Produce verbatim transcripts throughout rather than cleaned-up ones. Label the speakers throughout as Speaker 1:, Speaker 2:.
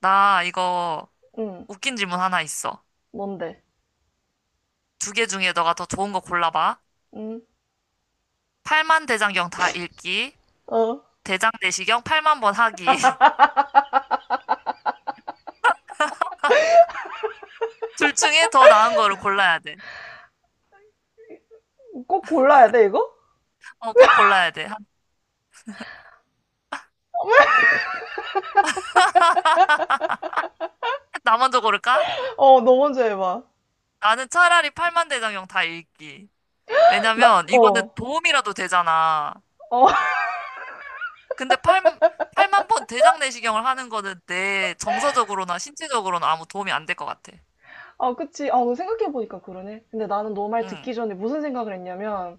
Speaker 1: 나 이거
Speaker 2: 응,
Speaker 1: 웃긴 질문 하나 있어.
Speaker 2: 뭔데?
Speaker 1: 두 개 중에 너가 더 좋은 거 골라봐.
Speaker 2: 응,
Speaker 1: 팔만 대장경 다 읽기,
Speaker 2: 어,
Speaker 1: 대장 내시경 팔만 번 하기. 둘 중에 더 나은 거를 골라야 돼.
Speaker 2: 꼭 골라야 돼, 이거?
Speaker 1: 어, 꼭 골라야 돼. 나 먼저 고를까?
Speaker 2: 어, 너 먼저 해봐.
Speaker 1: 나는 차라리 팔만 대장경 다 읽기.
Speaker 2: 나,
Speaker 1: 왜냐면 이거는
Speaker 2: 어,
Speaker 1: 도움이라도 되잖아.
Speaker 2: 어,
Speaker 1: 근데 팔 팔만 번 대장 내시경을 하는 거는 내 정서적으로나 신체적으로는 아무 도움이 안 될 것 같아.
Speaker 2: 아, 그치. 아, 생각해보니까 그러네. 근데 나는 너 말
Speaker 1: 응.
Speaker 2: 듣기 전에 무슨 생각을 했냐면,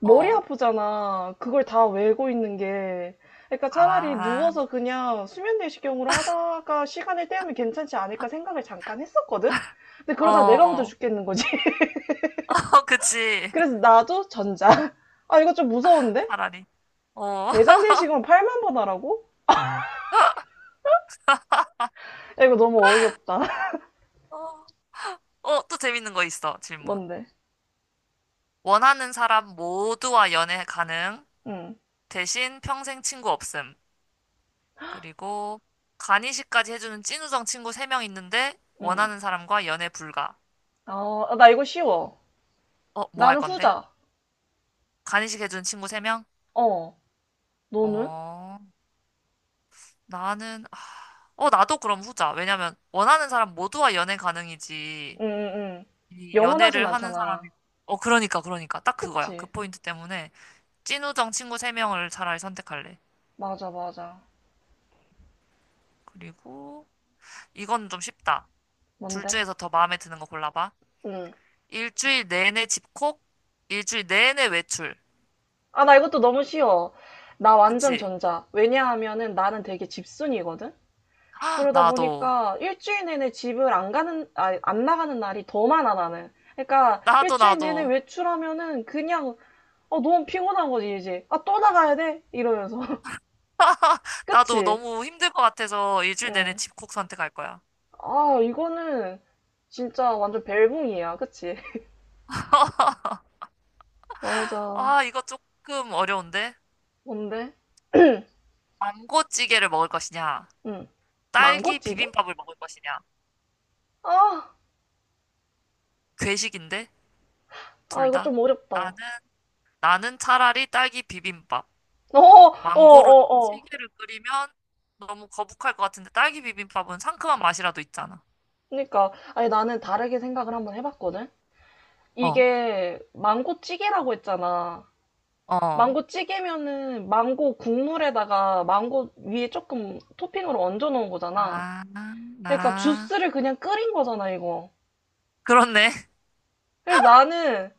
Speaker 2: 머리
Speaker 1: 어.
Speaker 2: 아프잖아. 그걸 다 외고 있는 게. 그러니까 차라리
Speaker 1: 아.
Speaker 2: 누워서 그냥 수면 내시경으로 하다가 시간을 때우면 괜찮지 않을까 생각을 잠깐 했었거든? 근데 그러다 내가 먼저
Speaker 1: 어.
Speaker 2: 죽겠는 거지.
Speaker 1: 어, 그치.
Speaker 2: 그래서 나도 전자. 아, 이거 좀 무서운데?
Speaker 1: 차라리. 어.
Speaker 2: 대장 내시경을 팔만 번 하라고? 야, 이거 너무 어이없다.
Speaker 1: 어, 어, 또 재밌는 거 있어, 질문.
Speaker 2: 뭔데?
Speaker 1: 원하는 사람 모두와 연애 가능,
Speaker 2: 응,
Speaker 1: 대신 평생 친구 없음. 그리고 간이식까지 해주는 찐우정 친구 세 명 있는데,
Speaker 2: 응.
Speaker 1: 원하는 사람과 연애 불가.
Speaker 2: 아, 아, 나 이거 쉬워.
Speaker 1: 어, 뭐 할
Speaker 2: 나는
Speaker 1: 건데?
Speaker 2: 후자.
Speaker 1: 간이식 해주는 친구 세 명?
Speaker 2: 어, 너는?
Speaker 1: 어, 나는, 아, 어, 나도 그럼 후자. 왜냐면, 원하는 사람 모두와 연애 가능이지.
Speaker 2: 응, 응, 응.
Speaker 1: 이
Speaker 2: 영원하진
Speaker 1: 연애를 하는
Speaker 2: 않잖아.
Speaker 1: 사람이, 어, 그러니까, 그러니까. 딱 그거야. 그
Speaker 2: 그치?
Speaker 1: 포인트 때문에. 찐우정 친구 세 명을 차라리 선택할래.
Speaker 2: 맞아, 맞아.
Speaker 1: 그리고 이건 좀 쉽다. 둘
Speaker 2: 뭔데?
Speaker 1: 중에서 더 마음에 드는 거 골라봐.
Speaker 2: 응.
Speaker 1: 일주일 내내 집콕, 일주일 내내 외출.
Speaker 2: 아, 나 이것도 너무 쉬워. 나 완전
Speaker 1: 그치?
Speaker 2: 전자. 왜냐하면은 나는 되게 집순이거든? 그러다
Speaker 1: 나도.
Speaker 2: 보니까 일주일 내내 집을 안 가는, 아, 안 나가는 날이 더 많아, 나는. 그러니까
Speaker 1: 나도,
Speaker 2: 일주일 내내
Speaker 1: 나도.
Speaker 2: 외출하면은 그냥, 어, 너무 피곤한 거지, 이제. 아, 또 나가야 돼? 이러면서.
Speaker 1: 나도
Speaker 2: 그치?
Speaker 1: 너무 힘들 것 같아서 일주일 내내
Speaker 2: 응.
Speaker 1: 집콕 선택할 거야.
Speaker 2: 아, 이거는 진짜 완전 벨붕이야. 그치? 맞아.
Speaker 1: 아, 이거 조금 어려운데?
Speaker 2: 뭔데?
Speaker 1: 망고찌개를 먹을 것이냐?
Speaker 2: 응.
Speaker 1: 딸기
Speaker 2: 망고찌개?
Speaker 1: 비빔밥을 먹을 것이냐?
Speaker 2: 아,
Speaker 1: 괴식인데?
Speaker 2: 아,
Speaker 1: 둘
Speaker 2: 이거
Speaker 1: 다?
Speaker 2: 좀 어렵다.
Speaker 1: 나는,
Speaker 2: 어,
Speaker 1: 나는 차라리 딸기 비빔밥.
Speaker 2: 어, 어,
Speaker 1: 망고로
Speaker 2: 어.
Speaker 1: 찌개를 끓이면 너무 거북할 것 같은데 딸기 비빔밥은 상큼한 맛이라도 있잖아.
Speaker 2: 그러니까. 아니, 나는 다르게 생각을 한번 해봤거든?
Speaker 1: 어,
Speaker 2: 이게 망고찌개라고 했잖아.
Speaker 1: 어,
Speaker 2: 망고찌개면은 망고 국물에다가 망고 위에 조금 토핑으로 얹어 놓은 거잖아.
Speaker 1: 아,
Speaker 2: 그러니까
Speaker 1: 나.
Speaker 2: 주스를 그냥 끓인 거잖아, 이거.
Speaker 1: 그렇네.
Speaker 2: 그래서 나는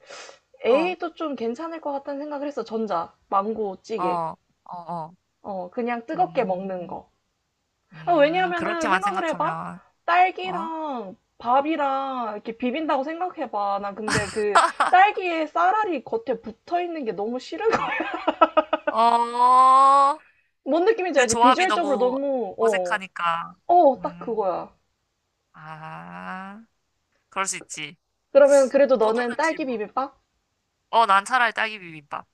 Speaker 1: 어,
Speaker 2: 에이도 좀 괜찮을 것 같다는 생각을 했어. 전자, 망고
Speaker 1: 어,
Speaker 2: 찌개.
Speaker 1: 어, 어.
Speaker 2: 어, 그냥 뜨겁게 먹는
Speaker 1: 음,
Speaker 2: 거. 아,
Speaker 1: 음,
Speaker 2: 왜냐하면은
Speaker 1: 그렇게만
Speaker 2: 생각을 해봐.
Speaker 1: 생각하면, 어?
Speaker 2: 딸기랑 밥이랑 이렇게 비빈다고 생각해봐. 나 근데 그 딸기에 쌀알이 겉에 붙어 있는 게 너무 싫은 거야.
Speaker 1: 어,
Speaker 2: 뭔 느낌인지
Speaker 1: 그
Speaker 2: 알지?
Speaker 1: 조합이
Speaker 2: 비주얼적으로
Speaker 1: 너무
Speaker 2: 너무, 어,
Speaker 1: 어색하니까.
Speaker 2: 어, 딱
Speaker 1: 음,
Speaker 2: 그거야.
Speaker 1: 아, 그럴 수 있지.
Speaker 2: 그러면 그래도
Speaker 1: 또 다른
Speaker 2: 너는 딸기
Speaker 1: 질문.
Speaker 2: 비빔밥?
Speaker 1: 어, 난 차라리 딸기 비빔밥.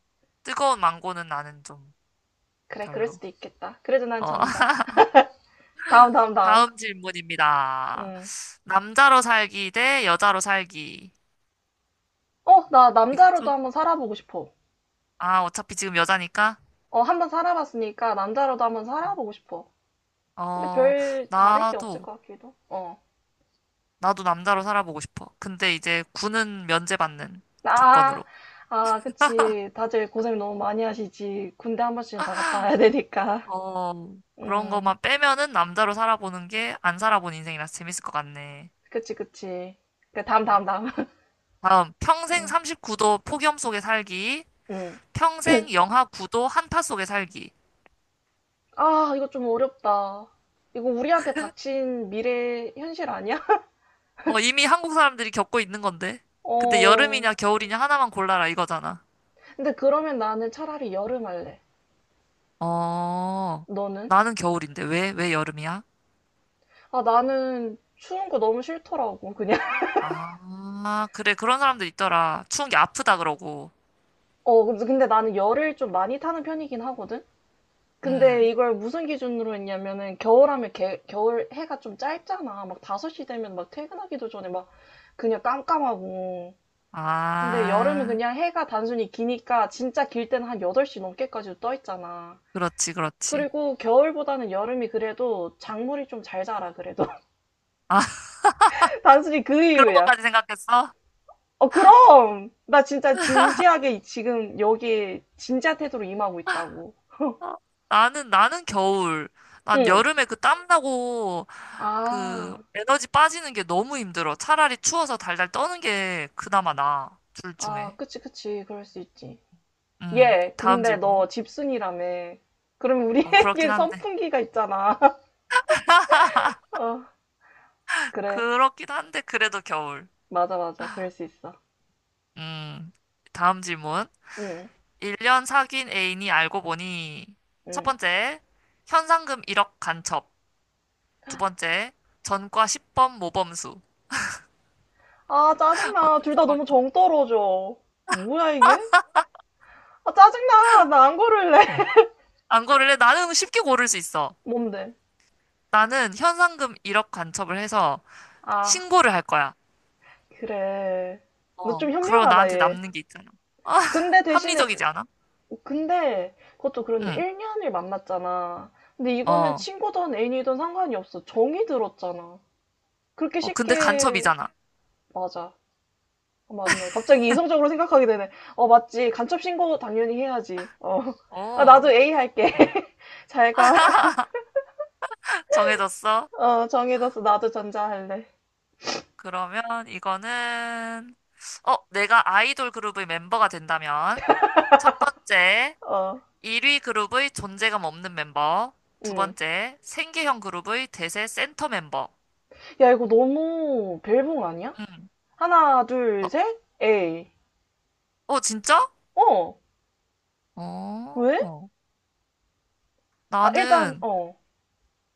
Speaker 1: 뜨거운 망고는 나는 좀
Speaker 2: 그래, 그럴
Speaker 1: 별로.
Speaker 2: 수도 있겠다. 그래도 난
Speaker 1: 어,
Speaker 2: 전자. 다음, 다음, 다음.
Speaker 1: 다음 질문입니다.
Speaker 2: 음.
Speaker 1: 남자로 살기 대 여자로 살기.
Speaker 2: 어, 나
Speaker 1: 이거
Speaker 2: 남자로도
Speaker 1: 쭉.
Speaker 2: 한번 살아보고 싶어.
Speaker 1: 아, 어차피 지금 여자니까.
Speaker 2: 어, 한번 살아봤으니까 남자로도 한번
Speaker 1: 어,
Speaker 2: 살아보고 싶어. 근데
Speaker 1: 어,
Speaker 2: 별 다를 게 없을
Speaker 1: 나도,
Speaker 2: 것 같기도. 어.
Speaker 1: 나도 남자로 살아보고 싶어. 근데 이제 군은 면제받는
Speaker 2: 아,
Speaker 1: 조건으로.
Speaker 2: 아, 그치. 다들 고생 너무 많이 하시지. 군대 한 번씩은 다 갔다 와야 되니까.
Speaker 1: 어, 그런
Speaker 2: 음,
Speaker 1: 것만 빼면은 남자로 살아보는 게 안 살아본 인생이라서 재밌을 것 같네.
Speaker 2: 그치, 그치. 그 다음, 다음, 다음.
Speaker 1: 다음, 평생
Speaker 2: 음,
Speaker 1: 삼십구 도 폭염 속에 살기,
Speaker 2: 음.
Speaker 1: 평생 영하 구 도 한파 속에 살기.
Speaker 2: 아, 이거 좀 어렵다. 이거 우리한테 닥친 미래 현실 아니야?
Speaker 1: 어, 이미 한국 사람들이 겪고 있는 건데. 근데
Speaker 2: 어.
Speaker 1: 여름이냐 겨울이냐 하나만 골라라 이거잖아.
Speaker 2: 근데 그러면 나는 차라리 여름 할래.
Speaker 1: 어,
Speaker 2: 너는?
Speaker 1: 나는 겨울인데 왜, 왜 여름이야?
Speaker 2: 아, 나는 추운 거 너무 싫더라고, 그냥.
Speaker 1: 아, 그래. 그런 사람들 있더라. 추운 게 아프다 그러고.
Speaker 2: 어, 근데 근데 나는 열을 좀 많이 타는 편이긴 하거든? 근데
Speaker 1: 음.
Speaker 2: 이걸 무슨 기준으로 했냐면은 겨울하면 개, 겨울 해가 좀 짧잖아. 막 다섯 시 되면 막 퇴근하기도 전에 막 그냥 깜깜하고. 근데 여름은
Speaker 1: 아,
Speaker 2: 그냥 해가 단순히 기니까 진짜 길 때는 한 여덟 시 넘게까지도 떠 있잖아.
Speaker 1: 그렇지, 그렇지.
Speaker 2: 그리고 겨울보다는 여름이 그래도 작물이 좀 잘 자라, 그래도.
Speaker 1: 아,
Speaker 2: 단순히 그
Speaker 1: 그런
Speaker 2: 이유야.
Speaker 1: 것까지 생각했어?
Speaker 2: 어, 그럼! 나 진짜 진지하게 지금 여기 진지한 태도로 임하고 있다고.
Speaker 1: 어, 나는, 나는 겨울. 난
Speaker 2: 응.
Speaker 1: 여름에 그 땀나고 그
Speaker 2: 아.
Speaker 1: 에너지 빠지는 게 너무 힘들어. 차라리 추워서 달달 떠는 게 그나마 나아. 둘
Speaker 2: 아,
Speaker 1: 중에.
Speaker 2: 그치, 그치. 그럴 수 있지.
Speaker 1: 음.
Speaker 2: 얘,
Speaker 1: 다음
Speaker 2: 근데
Speaker 1: 질문.
Speaker 2: 너 집순이라며. 그럼
Speaker 1: 어, 그렇긴
Speaker 2: 우리에게
Speaker 1: 한데.
Speaker 2: 선풍기가 있잖아. 어, 그래.
Speaker 1: 그렇긴 한데, 그래도 겨울.
Speaker 2: 맞아, 맞아. 그럴 수 있어.
Speaker 1: 음, 다음 질문.
Speaker 2: 응,
Speaker 1: 일 년 사귄 애인이 알고 보니, 첫
Speaker 2: 응.
Speaker 1: 번째, 현상금 일억 간첩. 두 번째, 전과 십 범 모범수.
Speaker 2: 아, 짜증나.
Speaker 1: 어떤
Speaker 2: 둘 다
Speaker 1: 상황이
Speaker 2: 너무
Speaker 1: 더?
Speaker 2: 정 떨어져. 뭐야, 이게? 아, 짜증나. 나 안 고를래.
Speaker 1: 안 고를래? 나는 쉽게 고를 수 있어.
Speaker 2: 뭔데?
Speaker 1: 나는 현상금 일억 간첩을 해서
Speaker 2: 아,
Speaker 1: 신고를 할 거야.
Speaker 2: 그래. 너
Speaker 1: 어,
Speaker 2: 좀
Speaker 1: 그러면
Speaker 2: 현명하다,
Speaker 1: 나한테
Speaker 2: 얘.
Speaker 1: 남는 게 있잖아. 아,
Speaker 2: 근데 대신에,
Speaker 1: 합리적이지 않아?
Speaker 2: 근데, 그것도 그런데
Speaker 1: 응,
Speaker 2: 일 년을 만났잖아. 근데 이거는
Speaker 1: 어.
Speaker 2: 친구든 애인이든 상관이 없어. 정이 들었잖아. 그렇게
Speaker 1: 어, 근데
Speaker 2: 쉽게
Speaker 1: 간첩이잖아.
Speaker 2: 맞아. 어, 맞네. 갑자기 이성적으로 생각하게 되네. 어, 맞지. 간첩 신고 당연히 해야지. 어. 아, 나도
Speaker 1: 어,
Speaker 2: 에이 할게. 잘 가.
Speaker 1: 정해졌어?
Speaker 2: 어, 정해뒀어. 나도 전자 할래.
Speaker 1: 그러면 이거는, 어, 내가 아이돌 그룹의 멤버가 된다면, 첫 번째,
Speaker 2: 어.
Speaker 1: 일 위 그룹의 존재감 없는 멤버. 두
Speaker 2: 음.
Speaker 1: 번째, 생계형 그룹의 대세 센터 멤버.
Speaker 2: 야, 이거 너무 벨붕 아니야?
Speaker 1: 음.
Speaker 2: 하나, 둘,
Speaker 1: 어,
Speaker 2: 셋. 에이.
Speaker 1: 어, 진짜?
Speaker 2: 어. 왜?
Speaker 1: 어,
Speaker 2: 아, 일단
Speaker 1: 나는
Speaker 2: 어.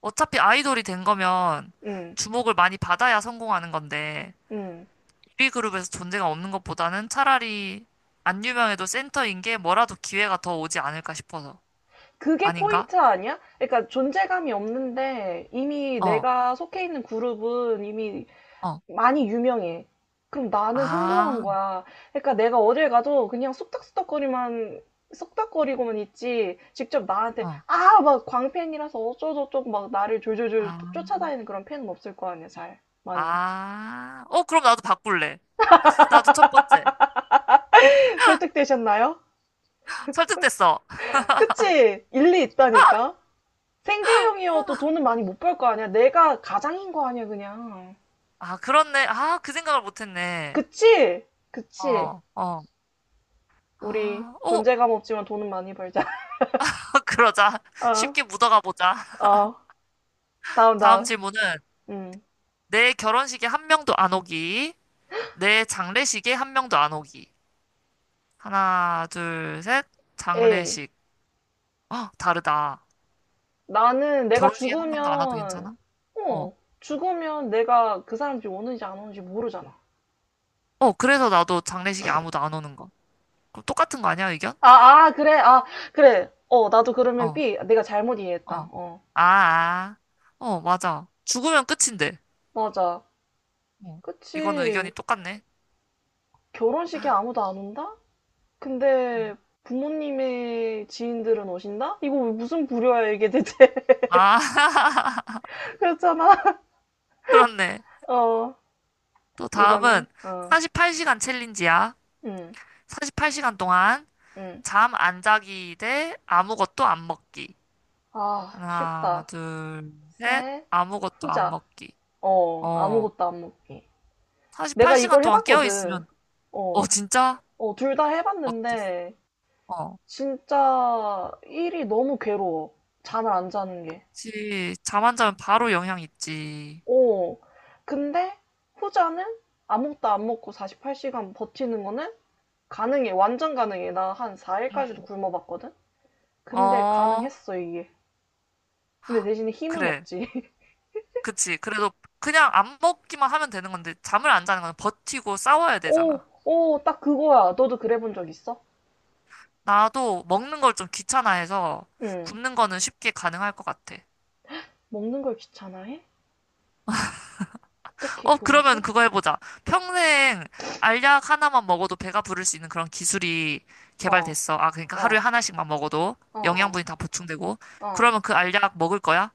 Speaker 1: 어차피 아이돌이 된 거면
Speaker 2: 음.
Speaker 1: 주목을 많이 받아야 성공하는 건데,
Speaker 2: 음.
Speaker 1: 일 위 그룹에서 존재감 없는 것보다는 차라리 안 유명해도 센터인 게 뭐라도 기회가 더 오지 않을까 싶어서.
Speaker 2: 그게
Speaker 1: 아닌가?
Speaker 2: 포인트 아니야? 그러니까 존재감이 없는데 이미
Speaker 1: 어.
Speaker 2: 내가 속해 있는 그룹은 이미
Speaker 1: 어.
Speaker 2: 많이 유명해. 그럼 나는 성공한
Speaker 1: 아,
Speaker 2: 거야. 그러니까 내가 어딜 가도 그냥 쑥닥쑥닥거리만 쑥닥거리고만 있지. 직접 나한테
Speaker 1: 어.
Speaker 2: 아, 막 광팬이라서 어쩌고저쩌고 막 나를 졸졸졸
Speaker 1: 아,
Speaker 2: 쫓아다니는 그런 팬은 없을 거 아니야, 잘. 많이.
Speaker 1: 아. 어, 그럼 나도 바꿀래. 나도 첫 번째.
Speaker 2: 설득되셨나요?
Speaker 1: 설득됐어.
Speaker 2: 그치? 일리 있다니까. 생계형이어도 돈은 많이 못 벌 거 아니야. 내가 가장인 거 아니야, 그냥.
Speaker 1: 아, 그렇네. 아, 그 생각을 못했네.
Speaker 2: 그치? 그치?
Speaker 1: 어, 어.
Speaker 2: 우리
Speaker 1: 아, 어,
Speaker 2: 존재감 없지만 돈은 많이 벌자.
Speaker 1: 그러자.
Speaker 2: 어,
Speaker 1: 쉽게 묻어가 보자.
Speaker 2: 어. 다음,
Speaker 1: 다음
Speaker 2: 다음.
Speaker 1: 질문은
Speaker 2: 음.
Speaker 1: 내 결혼식에 한 명도 안 오기. 내 장례식에 한 명도 안 오기. 하나, 둘, 셋.
Speaker 2: 에이,
Speaker 1: 장례식. 어, 다르다.
Speaker 2: 나는 내가
Speaker 1: 결혼식에 한 명도 안 와도
Speaker 2: 죽으면,
Speaker 1: 괜찮아? 어.
Speaker 2: 어, 죽으면 내가 그 사람 집 오는지 안 오는지 모르잖아.
Speaker 1: 어, 그래서 나도 장례식에 아무도 안 오는 거. 그럼 똑같은 거 아니야, 의견?
Speaker 2: 아, 아, 그래, 아, 그래. 어, 나도 그러면
Speaker 1: 어
Speaker 2: 비, 내가 잘못
Speaker 1: 어.
Speaker 2: 이해했다. 어,
Speaker 1: 아, 아. 어, 맞아. 죽으면 끝인데.
Speaker 2: 맞아.
Speaker 1: 어. 이거는 의견이
Speaker 2: 그치.
Speaker 1: 똑같네.
Speaker 2: 결혼식에 아무도 안 온다?
Speaker 1: 음.
Speaker 2: 근데 부모님의 지인들은 오신다? 이거 왜 무슨 부류야, 이게 대체.
Speaker 1: 아,
Speaker 2: 그렇잖아.
Speaker 1: 그렇네.
Speaker 2: 어,
Speaker 1: 또
Speaker 2: 이거는,
Speaker 1: 다음은
Speaker 2: 어,
Speaker 1: 사십팔 시간 챌린지야.
Speaker 2: 응,
Speaker 1: 사십팔 시간 동안
Speaker 2: 응.
Speaker 1: 잠 안 자기 대 아무것도 안 먹기.
Speaker 2: 아,
Speaker 1: 하나,
Speaker 2: 쉽다.
Speaker 1: 둘, 셋.
Speaker 2: 셋,
Speaker 1: 아무것도 안
Speaker 2: 후자.
Speaker 1: 먹기.
Speaker 2: 어,
Speaker 1: 어.
Speaker 2: 아무것도 안 먹기. 내가
Speaker 1: 사십팔 시간
Speaker 2: 이걸
Speaker 1: 동안 깨어
Speaker 2: 해봤거든.
Speaker 1: 있으면 어,
Speaker 2: 어,
Speaker 1: 진짜?
Speaker 2: 어, 둘 다
Speaker 1: 어땠어?
Speaker 2: 해봤는데,
Speaker 1: 어.
Speaker 2: 진짜 일이 너무 괴로워. 잠을 안 자는 게.
Speaker 1: 그치. 잠안 자면 바로 영향 있지.
Speaker 2: 어, 근데 후자는 아무것도 안 먹고 사십팔 시간 버티는 거는 가능해. 완전 가능해. 나 한
Speaker 1: 응.
Speaker 2: 사 일까지도 굶어봤거든? 근데
Speaker 1: 어,
Speaker 2: 가능했어, 이게. 근데 대신에 힘은
Speaker 1: 그래.
Speaker 2: 없지.
Speaker 1: 그치. 그래도 그냥 안 먹기만 하면 되는 건데, 잠을 안 자는 건 버티고 싸워야
Speaker 2: 오!
Speaker 1: 되잖아.
Speaker 2: 오! 딱 그거야. 너도 그래 본 적 있어?
Speaker 1: 나도 먹는 걸 좀 귀찮아해서
Speaker 2: 응.
Speaker 1: 굶는 거는 쉽게 가능할 것 같아.
Speaker 2: 먹는 걸 귀찮아해? 어떻게
Speaker 1: 어, 그러면
Speaker 2: 그러지?
Speaker 1: 그거 해보자. 평생 알약 하나만 먹어도 배가 부를 수 있는 그런 기술이
Speaker 2: 어,
Speaker 1: 개발됐어. 아, 그러니까 하루에
Speaker 2: 어,
Speaker 1: 하나씩만 먹어도
Speaker 2: 어, 어,
Speaker 1: 영양분이 다 보충되고.
Speaker 2: 어.
Speaker 1: 그러면 그 알약 먹을 거야?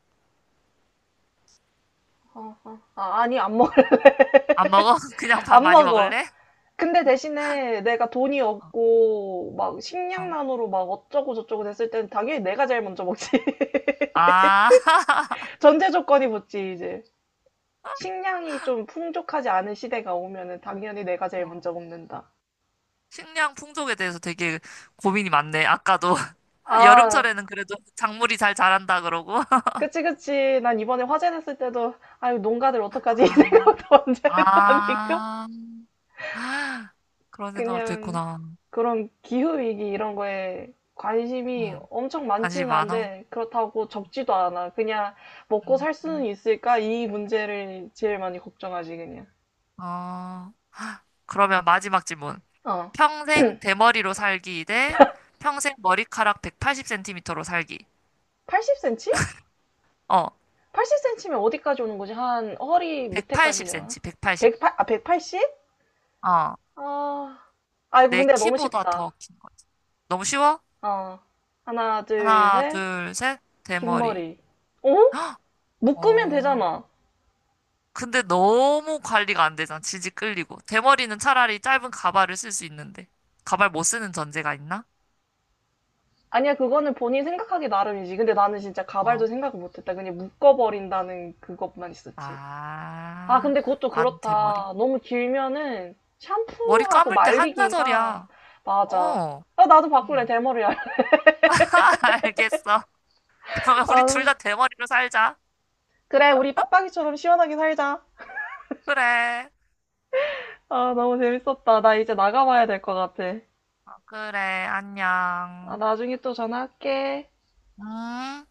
Speaker 2: 어, 어. 아, 아니, 안 먹,
Speaker 1: 안 먹어? 그냥 밥
Speaker 2: 안
Speaker 1: 많이
Speaker 2: 먹어.
Speaker 1: 먹을래?
Speaker 2: 근데 대신에 내가 돈이
Speaker 1: 어,
Speaker 2: 없고, 막,
Speaker 1: 어.
Speaker 2: 식량난으로 막 어쩌고저쩌고 됐을 때는 당연히 내가 제일 먼저 먹지.
Speaker 1: 아,
Speaker 2: 전제 조건이 붙지, 이제. 식량이 좀 풍족하지 않은 시대가 오면은 당연히 내가 제일
Speaker 1: 어.
Speaker 2: 먼저 먹는다.
Speaker 1: 식량 풍족에 대해서 되게 고민이 많네. 아까도. 아,
Speaker 2: 아,
Speaker 1: 여름철에는 그래도 작물이 잘 자란다 그러고.
Speaker 2: 그치, 그치. 난 이번에 화재 났을 때도, 아유, 농가들 어떡하지? 이
Speaker 1: 아,
Speaker 2: 생각도 먼저 했다니까.
Speaker 1: 아, 아, 그런 생각을 또
Speaker 2: 그냥
Speaker 1: 했구나.
Speaker 2: 그런 기후위기 이런 거에 관심이
Speaker 1: 응,
Speaker 2: 엄청
Speaker 1: 관심이
Speaker 2: 많지는
Speaker 1: 많아.
Speaker 2: 않은데 그렇다고 적지도 않아. 그냥 먹고 살 수는
Speaker 1: 음.
Speaker 2: 있을까? 이 문제를 제일 많이 걱정하지, 그냥.
Speaker 1: 어, 그러면 마지막 질문.
Speaker 2: 어.
Speaker 1: 평생 대머리로 살기 대 평생 머리카락 백팔십 센티미터로 살기.
Speaker 2: 팔십 센티미터?
Speaker 1: 어,
Speaker 2: 팔십 센티미터면 어디까지 오는 거지? 한 허리 밑에까지 내려나?
Speaker 1: 백팔십 센티미터, 백팔십.
Speaker 2: 백팔십, 아, 영
Speaker 1: 어,
Speaker 2: 아, 아, 이거
Speaker 1: 내
Speaker 2: 근데 너무
Speaker 1: 키보다
Speaker 2: 쉽다.
Speaker 1: 더 긴 거지. 너무 쉬워?
Speaker 2: 어. 하나, 둘,
Speaker 1: 하나,
Speaker 2: 셋.
Speaker 1: 둘, 셋.
Speaker 2: 긴
Speaker 1: 대머리.
Speaker 2: 머리. 어?
Speaker 1: 헉!
Speaker 2: 묶으면
Speaker 1: 어,
Speaker 2: 되잖아.
Speaker 1: 근데 너무 관리가 안 되잖아. 지지 끌리고. 대머리는 차라리 짧은 가발을 쓸 수 있는데. 가발 못 쓰는 전제가 있나?
Speaker 2: 아니야, 그거는 본인 생각하기 나름이지. 근데 나는 진짜
Speaker 1: 어.
Speaker 2: 가발도 생각을 못했다. 그냥 묶어버린다는 그것만 있었지. 아,
Speaker 1: 아,
Speaker 2: 근데 그것도
Speaker 1: 난 대머리.
Speaker 2: 그렇다. 너무 길면은
Speaker 1: 머리
Speaker 2: 샴푸하고
Speaker 1: 감을 때
Speaker 2: 말리기가
Speaker 1: 한나절이야.
Speaker 2: 맞아.
Speaker 1: 어.
Speaker 2: 아, 나도 바꿀래,
Speaker 1: 응.
Speaker 2: 대머리. 알-
Speaker 1: 알겠어. 그러면 우리
Speaker 2: 아,
Speaker 1: 둘 다 대머리로 살자.
Speaker 2: 그래, 우리 빡빡이처럼 시원하게 살자.
Speaker 1: 그래.
Speaker 2: 아, 너무 재밌었다. 나 이제 나가봐야 될 것 같아.
Speaker 1: 어, 그래.
Speaker 2: 아,
Speaker 1: 안녕.
Speaker 2: 나중에 또 전화할게.
Speaker 1: 음.